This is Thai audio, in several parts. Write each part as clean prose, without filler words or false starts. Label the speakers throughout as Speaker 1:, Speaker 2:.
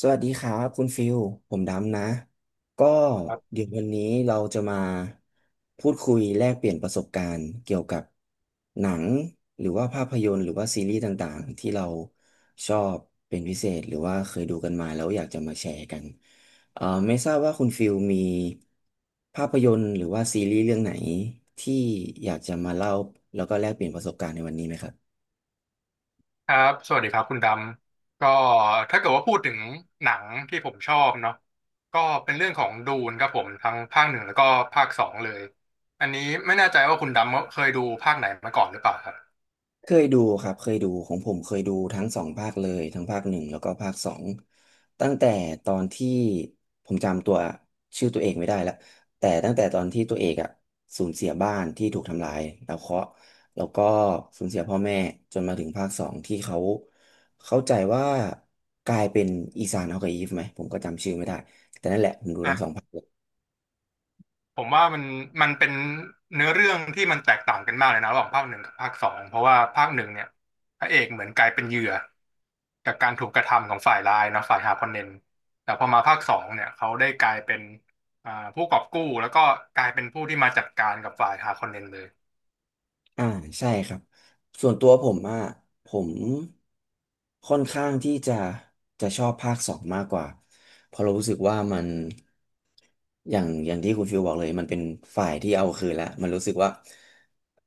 Speaker 1: สวัสดีครับคุณฟิลผมดำนะก็
Speaker 2: ครั
Speaker 1: เดี๋ยววันนี้เราจะมาพูดคุยแลกเปลี่ยนประสบการณ์เกี่ยวกับหนังหรือว่าภาพยนตร์หรือว่าซีรีส์ต่างๆที่เราชอบเป็นพิเศษหรือว่าเคยดูกันมาแล้วอยากจะมาแชร์กันเอ่อไม่ทราบว่าคุณฟิลมีภาพยนตร์หรือว่าซีรีส์เรื่องไหนที่อยากจะมาเล่าแล้วก็แลกเปลี่ยนประสบการณ์ในวันนี้ไหมครับ
Speaker 2: บ สวัสดีครับคุณดำก็ถ้าเกิดว่าพูดถึงหนังที่ผมชอบเนาะก็เป็นเรื่องของดูนครับผมทั้งภาคหนึ่งแล้วก็ภาคสองเลย อันนี้ไม่แน่ใจว่าคุณดำเคยดูภาคไหนมาก่อนหรือเปล่าครับ
Speaker 1: เคยดูครับเคยดูของผมเคยดูทั้งสองภาคเลยทั้งภาคหนึ่งแล้วก็ภาคสองตั้งแต่ตอนที่ผมจำตัวชื่อตัวเองไม่ได้ละแต่ตั้งแต่ตอนที่ตัวเอกอ่ะสูญเสียบ้านที่ถูกทำลายแล้วเคราะห์แล้วก็สูญเสียพ่อแม่จนมาถึงภาคสองที่เขาเข้าใจว่ากลายเป็นอีซานฮอกกับอีฟไหมผมก็จำชื่อไม่ได้แต่นั่นแหละผมดูทั้งสองภาค
Speaker 2: ผมว่ามันเป็นเนื้อเรื่องที่มันแตกต่างกันมากเลยนะระหว่างภาคหนึ่งกับภาคสองเพราะว่าภาคหนึ่งเนี่ยพระเอกเหมือนกลายเป็นเหยื่อจากการถูกกระทำของฝ่ายร้ายนะฝ่ายฮาร์คอนเนนแต่พอมาภาคสองเนี่ยเขาได้กลายเป็นผู้กอบกู้แล้วก็กลายเป็นผู้ที่มาจัดการกับฝ่ายฮาร์คอนเนนเลย
Speaker 1: อ่าใช่ครับส่วนตัวผมอ่ะผมค่อนข้างที่จะชอบภาคสองมากกว่าเพราะเรารู้สึกว่ามันอย่างที่คุณฟิลบอกเลยมันเป็นฝ่ายที่เอาคืนแล้วมันรู้สึกว่า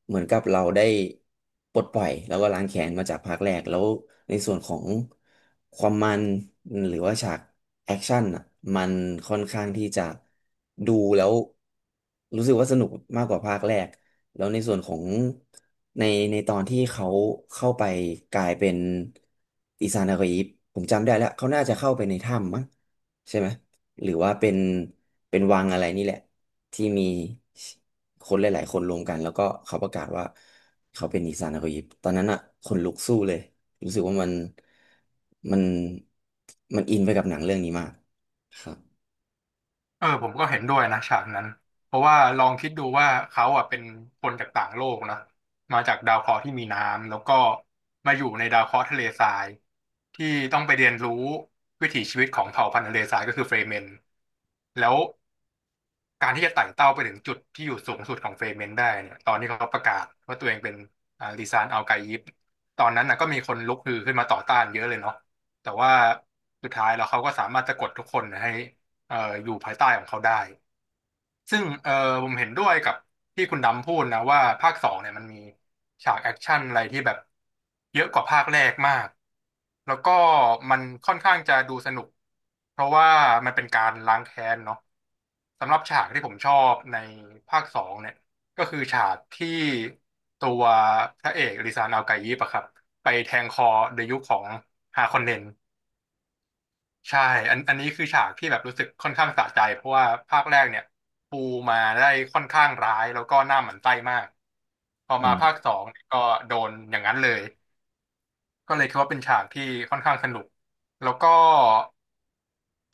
Speaker 1: เหมือนกับเราได้ปลดปล่อยแล้วก็ล้างแค้นมาจากภาคแรกแล้วในส่วนของความมันหรือว่าฉากแอคชั่นอ่ะมันค่อนข้างที่จะดูแล้วรู้สึกว่าสนุกมากกว่าภาคแรก แล้วในส่วนของในในตอนที่เขาเข้าไปกลายเป็นอิซานากิผมจำได้แล้วเขาน่าจะเข้าไปในถ้ำมั้งใช่ไหมหรือว่าเป็นวังอะไรนี่แหละที่มีคนหลายๆคนรวมกันแล้วก็เขาประกาศว่าเขาเป็นอิซานากิตอนนั้นอะคนลุกสู้เลยรู้สึกว่ามันมันมันอินไปกับหนังเรื่องนี้มากครับ
Speaker 2: เออผมก็เห็นด้วยนะฉากนั้นเพราะว่าลองคิดดูว่าเขาอ่ะเป็นคนจากต่างโลกนะมาจากดาวเคราะห์ที่มีน้ำแล้วก็มาอยู่ในดาวเคราะห์ทะเลทรายที่ต้องไปเรียนรู้วิถีชีวิตของเผ่าพันธุ์ทะเลทรายก็คือเฟรเมนแล้วการที่จะไต่เต้าไปถึงจุดที่อยู่สูงสุดของเฟรเมนได้เนี่ยตอนที่เขาประกาศว่าตัวเองเป็นลีซานอัลไกยิปตอนนั้นนะก็มีคนลุกฮือขึ้นมาต่อต้านเยอะเลยเนาะแต่ว่าสุดท้ายแล้วเขาก็สามารถจะกดทุกคนให้เอ่ออยู่ภายใต้ของเขาได้ ซึ่งเออผมเห็นด้วยกับที่คุณดำพูดนะว่าภาคสองเนี่ยมันมีฉากแอคชั่นอะไรที่แบบเยอะกว่าภาคแรกมากแล้วก็มันค่อนข้างจะดูสนุกเพราะว่ามันเป็นการล้างแค้นเนาะสำหรับฉากที่ผมชอบในภาคสองเนี่ยก็คือฉากที่ตัวพระเอกริซานอัลไกยิปอะครับไปแทงคอเดยุคของฮาคอนเนน ใช่อันนี้คือฉากที่แบบรู้สึกค่อนข้างสะใจเพราะว่าภาคแรกเนี่ยปูมาได้ค่อนข้างร้ายแล้วก็หน้าหมั่นไส้มากพอมาภาคสองเนี่ยก็โดนอย่างนั้นเลยก็เลยคิดว่าเป็นฉากที่ค่อนข้างสนุกแล้วก็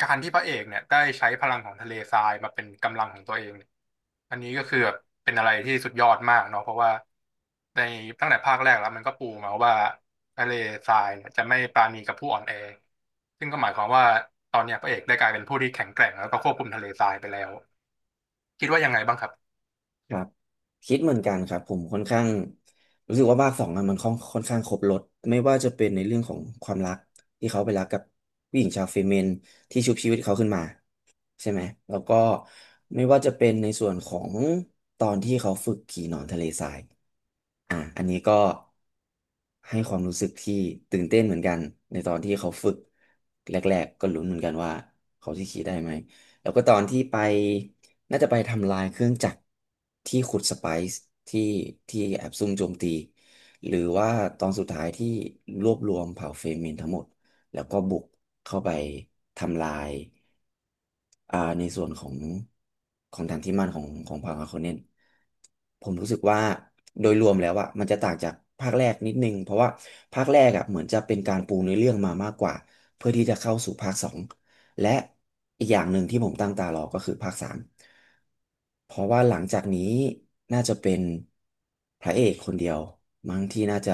Speaker 2: การที่พระเอกเนี่ยได้ใช้พลังของทะเลทรายมาเป็นกำลังของตัวเองเนี่ยอันนี้ก็คือแบบเป็นอะไรที่สุดยอดมากเนาะเพราะว่าในตั้งแต่ภาคแรกแล้วมันก็ปูมาว่าทะเลทรายเนี่ยจะไม่ปราณีกับผู้อ่อนแอซึ่งก็หมายความว่าตอนเนี้ยพระเอกได้กลายเป็นผู้ที่แข็งแกร่งแล้วก็ควบคุมทะเลทรายไปแล้วคิดว่ายังไงบ้างครับ
Speaker 1: ครับคิดเหมือนกันครับผมค่อนข้างรู้สึกว่าภาคสองอะมันค่อนข้างครบรสไม่ว่าจะเป็นในเรื่องของความรักที่เขาไปรักกับผู้หญิงชาวเฟเมนที่ชุบชีวิตเขาขึ้นมาใช่ไหมแล้วก็ไม่ว่าจะเป็นในส่วนของตอนที่เขาฝึกขี่หนอนทะเลทรายอ่ะอันนี้ก็ให้ความรู้สึกที่ตื่นเต้นเหมือนกันในตอนที่เขาฝึกแรกๆก็ลุ้นเหมือนกันว่าเขาจะขี่ได้ไหมแล้วก็ตอนที่ไป น่าจะไปทำลายเครื่องจักรที่ขุดสไปซ์ที่แอบซุ่มโจมตีหรือว่าตอนสุดท้ายที่รวบรวมเผ่าเฟมินทั้งหมดแล้วก็บุกเข้าไปทำลาย อ่าในส่วนของแานที่มั่นของพาราโคเนนผมรู้สึกว่าโดยรวมแล้วอะมันจะต่างจากภาคแรกนิดนึงเพราะว่าภาคแรกอะเหมือนจะเป็นการปูเนื้อเรื่องมามากกว่าเพื่อที่จะเข้าสู่ภาคสองและอีกอย่างหนึ่งที่ผมตั้งตารอก็คือภาคสามเพราะว่าหลังจากนี้น่าจะเป็นพระเอกคนเดียวมั้งที่น่าจะ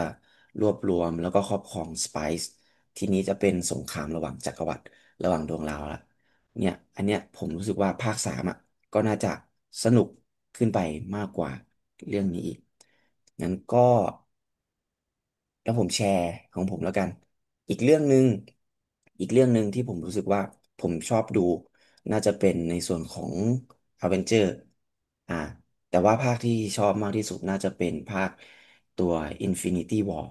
Speaker 1: รวบรวมแล้วก็ครอบครองสไปซ์ทีนี้จะเป็นสงครามระหว่างจักรวรรดิระหว่างดวงดาวละ เนี่ยอันเนี้ยผมรู้สึกว่าภาคสามอ่ะก็น่าจะสนุกขึ้นไปมากกว่าเรื่องนี้อีกงั้นก็แล้วผมแชร์ของผมแล้วกัน อีกเรื่องหนึ่งอีกเรื่องหนึ่งที่ผมรู้สึกว่าผมชอบดูน่าจะเป็นในส่วนของอเวนเจอร์อ่าแต่ว่าภาคที่ชอบมากที่สุดน่าจะเป็นภาคตัว Infinity War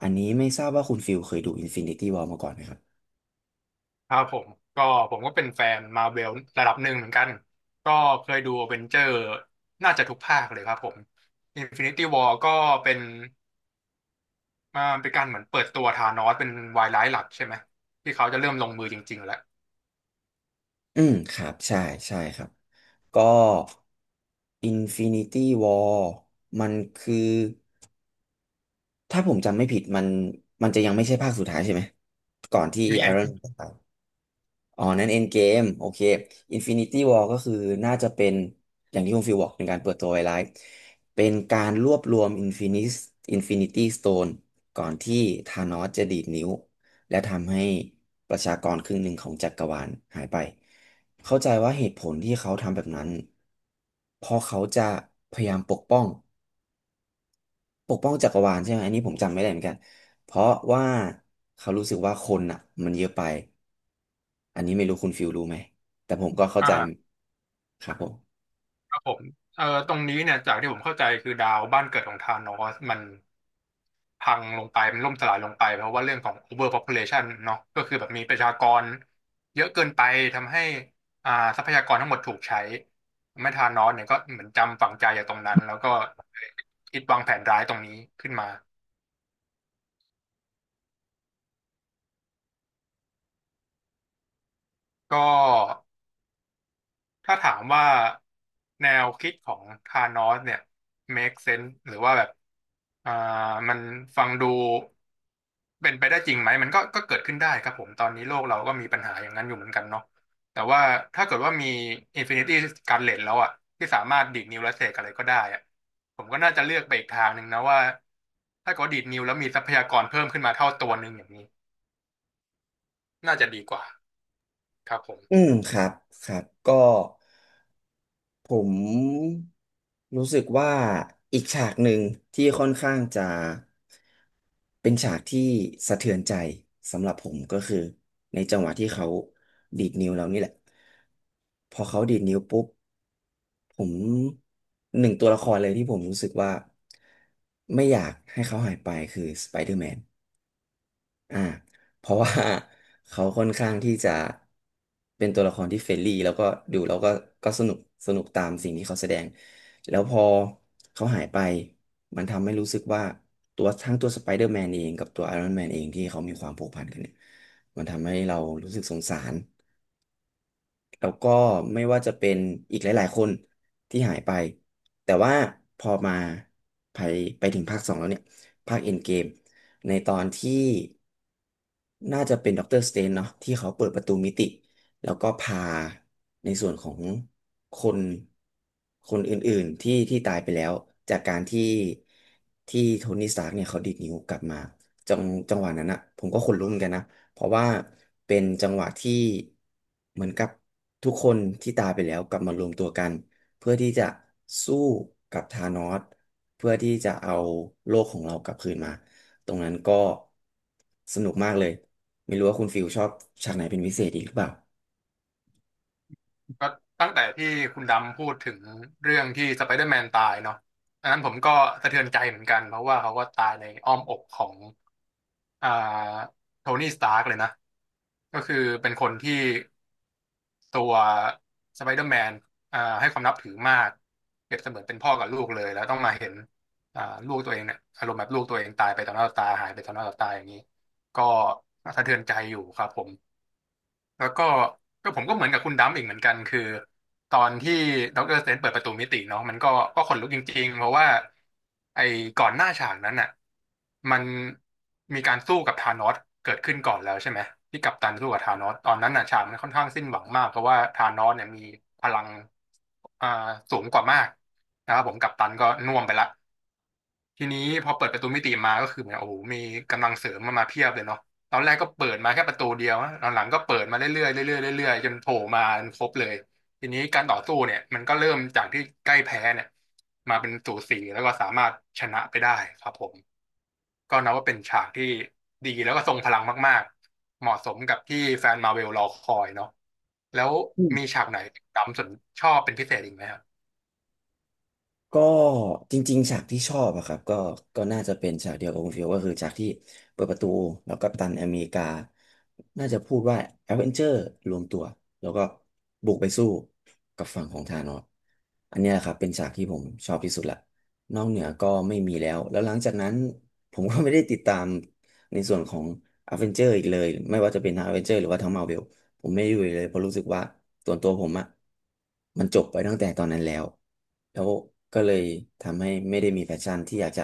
Speaker 1: อันนี้ไม่ทราบว่าคุณฟิลเคยดู Infinity War มาก่อนไหมครับ
Speaker 2: ครับผมก็เป็นแฟนมาเวลระดับหนึ่งเหมือนกันก็เคยดูอเวนเจอร์น่าจะทุกภาคเลยครับผม Infinity War ก็เป็น มันเป็นการเหมือนเปิดตัวธานอสเป็นวายร้ายหลักใช่ไหมที่เขาจะเริ่มลงมือจริงๆแล้ว
Speaker 1: อืมครับใช่ใช่ครับก็ Infinity War มันคือถ้าผมจำไม่ผิดมันจะยังไม่ใช่ภาคสุดท้ายใช่ไหมก่อนที่
Speaker 2: มีเอ็น
Speaker 1: Iron Man จะตาย อ๋อนั่นเอ็นเกมโอเคอินฟินิตี้วอลก็คือน่าจะเป็นอย่างที่คุณฟิวบอกในการเปิดตัวไวไลท์เป็นการรวบรวมอินฟินิตี้สโตนก่อนที่ธานอสจะดีดนิ้วและทำให้ประชากรครึ่งหนึ่งของจักรวาลหายไป เข้าใจว่าเหตุผลที่เขาทำแบบนั้นเพราะเขาจะพยายามปกป้องจักรวาลใช่ไหมอันนี้ผมจำไม่ได้เหมือนกันเพราะว่าเขารู้สึกว่าคนอ่ะมันเยอะไป อันนี้ไม่รู้คุณฟิลรู้ไหม แต่ผมก็เข้า
Speaker 2: อ่
Speaker 1: ใจ
Speaker 2: า
Speaker 1: ครับผม
Speaker 2: ครับผมตรงนี้เนี่ยจากที่ผมเข้าใจคือดาวบ้านเกิดของธานอสมันพังลงไปมันล่มสลายลงไปเพราะว่าเรื่องของ overpopulation เนาะก็คือแบบมีประชากรเยอะเกินไปทำให้อ่าทรัพยากรทั้งหมดถูกใช้ทำให้ธานอสเนี่ยก็เหมือนจำฝังใจจากตรงนั้นแล้วก็คิดวางแผนร้ายตรงนี้ขึ้นมาก็ ถ้าถามว่าแนวคิดของธานอสเนี่ย make sense หรือว่าแบบอ่ามันฟังดูเป็นไปได้จริงไหมมันก็เกิดขึ้นได้ครับผมตอนนี้โลกเราก็มีปัญหาอย่างนั้นอยู่เหมือนกันเนาะแต่ว่าถ้าเกิดว่ามี Infinity Gauntlet แล้วอะที่สามารถดีดนิ้วและเสกอะไรก็ได้อะผมก็น่าจะเลือกไปอีกทางหนึ่งนะว่าถ้าเกิดว่าดีดนิ้วแล้วมีทรัพยากรเพิ่มขึ้นมาเท่าตัวหนึ่งอย่างนี้น่าจะดีกว่าครับผม
Speaker 1: อืมครับครับก็ผมรู้สึกว่าอีกฉากหนึ่งที่ค่อนข้างจะเป็นฉากที่สะเทือนใจสำหรับผมก็คือในจังหวะที่เขาดีดนิ้วแล้วนี่แหละพอเขาดีดนิ้วปุ๊บผมหนึ่งตัวละครเลยที่ผมรู้สึกว่าไม่อยากให้เขาหายไปคือสไปเดอร์แมน อ่าเพราะว่า เขาค่อนข้างที่จะเป็นตัวละครที่เฟรนลี่แล้วก็ดูแล้วก็ก็สนุกสนุกตามสิ่งที่เขาแสดงแล้วพอเขาหายไปมันทำให้รู้สึกว่าตัวทั้งตัวสไปเดอร์แมนเองกับตัวไอรอนแมนเองที่เขามีความผูกพันกันเนี่ยมันทำให้เรารู้สึกสงสาร แล้วก็ไม่ว่าจะเป็นอีกหลายๆคนที่หายไปแต่ว่าพอมาไปไปถึงภาคสองแล้วเนี่ยภาคเอ็นเกมในตอนที่น่าจะเป็นด็อกเตอร์สเตนเนาะที่เขาเปิดประตูมิติแล้วก็พาในส่วนของคนคนอื่นๆ ที่ตายไปแล้วจากการที่โทนี่สตาร์กเนี่ยเขาดีดนิ้วกลับมาจังจังหวะนั้นอะผมก็ขนลุกเหมือนกันนะ เพราะว่าเป็นจังหวะที่เหมือนกับทุกคนที่ตายไปแล้วกลับมารวมตัวกันเพื่อที่จะสู้กับธานอสเพื่อที่จะเอาโลกของเรากลับคืนมาตรงนั้นก็สนุกมากเลยไม่รู้ว่าคุณฟิลชอบฉากไหนเป็นพิเศษอีกหรือเปล่า
Speaker 2: ก็ตั้งแต่ที่คุณดำพูดถึงเรื่องที่สไปเดอร์แมนตายเนาะอันนั้นผมก็สะเทือนใจเหมือนกันเพราะว่าเขาก็ตายในอ้อมอกของอ่าโทนี่สตาร์กเลยนะก็คือเป็นคนที่ตัวสไปเดอร์แมนให้ความนับถือมากเปรียบเสมือนเป็นพ่อกับลูกเลยแล้วต้องมาเห็นอ่าลูกตัวเองเนี่ยอารมณ์แบบลูกตัวเองตายไปต่อหน้าต่อตาหายไปต่อหน้าต่อตาอย่างนี้ก็สะเทือนใจอยู่ครับผม แล้วก็ผมก็เหมือนกับคุณดัมอีกเหมือนกันคือตอนที่ดอกเตอรสเตนเปิดประตูมิติเนาะมันก็ขนลุกจริงๆเพราะว่าไอ้ก่อนหน้าฉากนั้นอ่ะมันมีการสู้กับธานอสเกิดขึ้นก่อนแล้วใช่ไหมที่กัปตันสู้กับธานอสตอนนั้นน่ะฉากมันค่อนข้างสิ้นหวังมากเพราะว่าธานอสเนี่ยมีพลังอ่าสูงกว่ามากนะครับผมกัปตันก็น่วมไปละ ทีนี้พอเปิดประตูมิติมาก็คือเหมือนโอ้โหมีกำลังเสริมมาเพียบเลยเนาะตอนแรกก็เปิดมาแค่ประตูเดียวนะตอนหลังก็เปิดมาเรื่อยๆเรื่อยๆเรื่อยๆจนโผล่มาครบเลยทีนี้การต่อสู้เนี่ยมันก็เริ่มจากที่ใกล้แพ้เนี่ยมาเป็นสูสีแล้วก็สามารถชนะไปได้ครับผมก็นับว่าเป็นฉากที่ดีแล้วก็ทรงพลังมากๆเหมาะสมกับที่แฟนมาเวลรอคอยเนาะแล้วมีฉากไหนดำสนชอบเป็นพิเศษอีกไหมครับ
Speaker 1: ก็จริงๆฉากที่ชอบอะครับก็ก็น่าจะเป็นฉากเดียวกับคุณฟิลก็คือฉากที่เปิดประตูแล้วกัปตันอเมริกา น่าจะพูดว่าแอดเวนเจอร์รวมตัวแล้วก็บุกไปสู้กับฝั่งของธานอสอันเนี้ยครับเป็นฉากที่ผมชอบที่สุดละนอกเหนือก็ไม่มีแล้วแล้วหลังจากนั้นผมก็ไม่ได้ติดตามในส่วนของอเวนเจอร์อีกเลยไม่ว่าจะเป็นทั้งอเวนเจอร์หรือว่าทั้งมาเวล ผมไม่อยู่เลยเพราะรู้สึกว่าส่วนตัวผมอะมันจบไปตั้งแต่ตอนนั้นแล้วแล้วก็เลยทำให้ไม่ได้มีแพชชั่นที่อยากจะ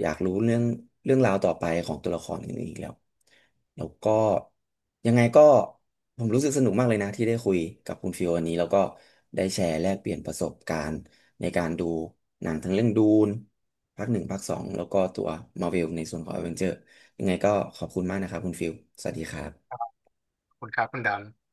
Speaker 1: อยากรู้เรื่องราวต่อไปของตัวละครอื่นๆอีกแล้วแล้วก็ยังไงก็ผมรู้สึกสนุกมากเลยนะที่ได้คุยกับคุณฟิววันนี้แล้วก็ได้แชร์แลกเปลี่ยนประสบการณ์ในการดูหนังทั้งเรื่องดูนภาคหนึ่งภาคสองแล้วก็ตัวมา r v เวลในส่วนของ a อเวนเจอร์ยังไงก็ขอบคุณมากนะครับคุณฟิลสวัสดีครับ
Speaker 2: คุณครับคุณดำ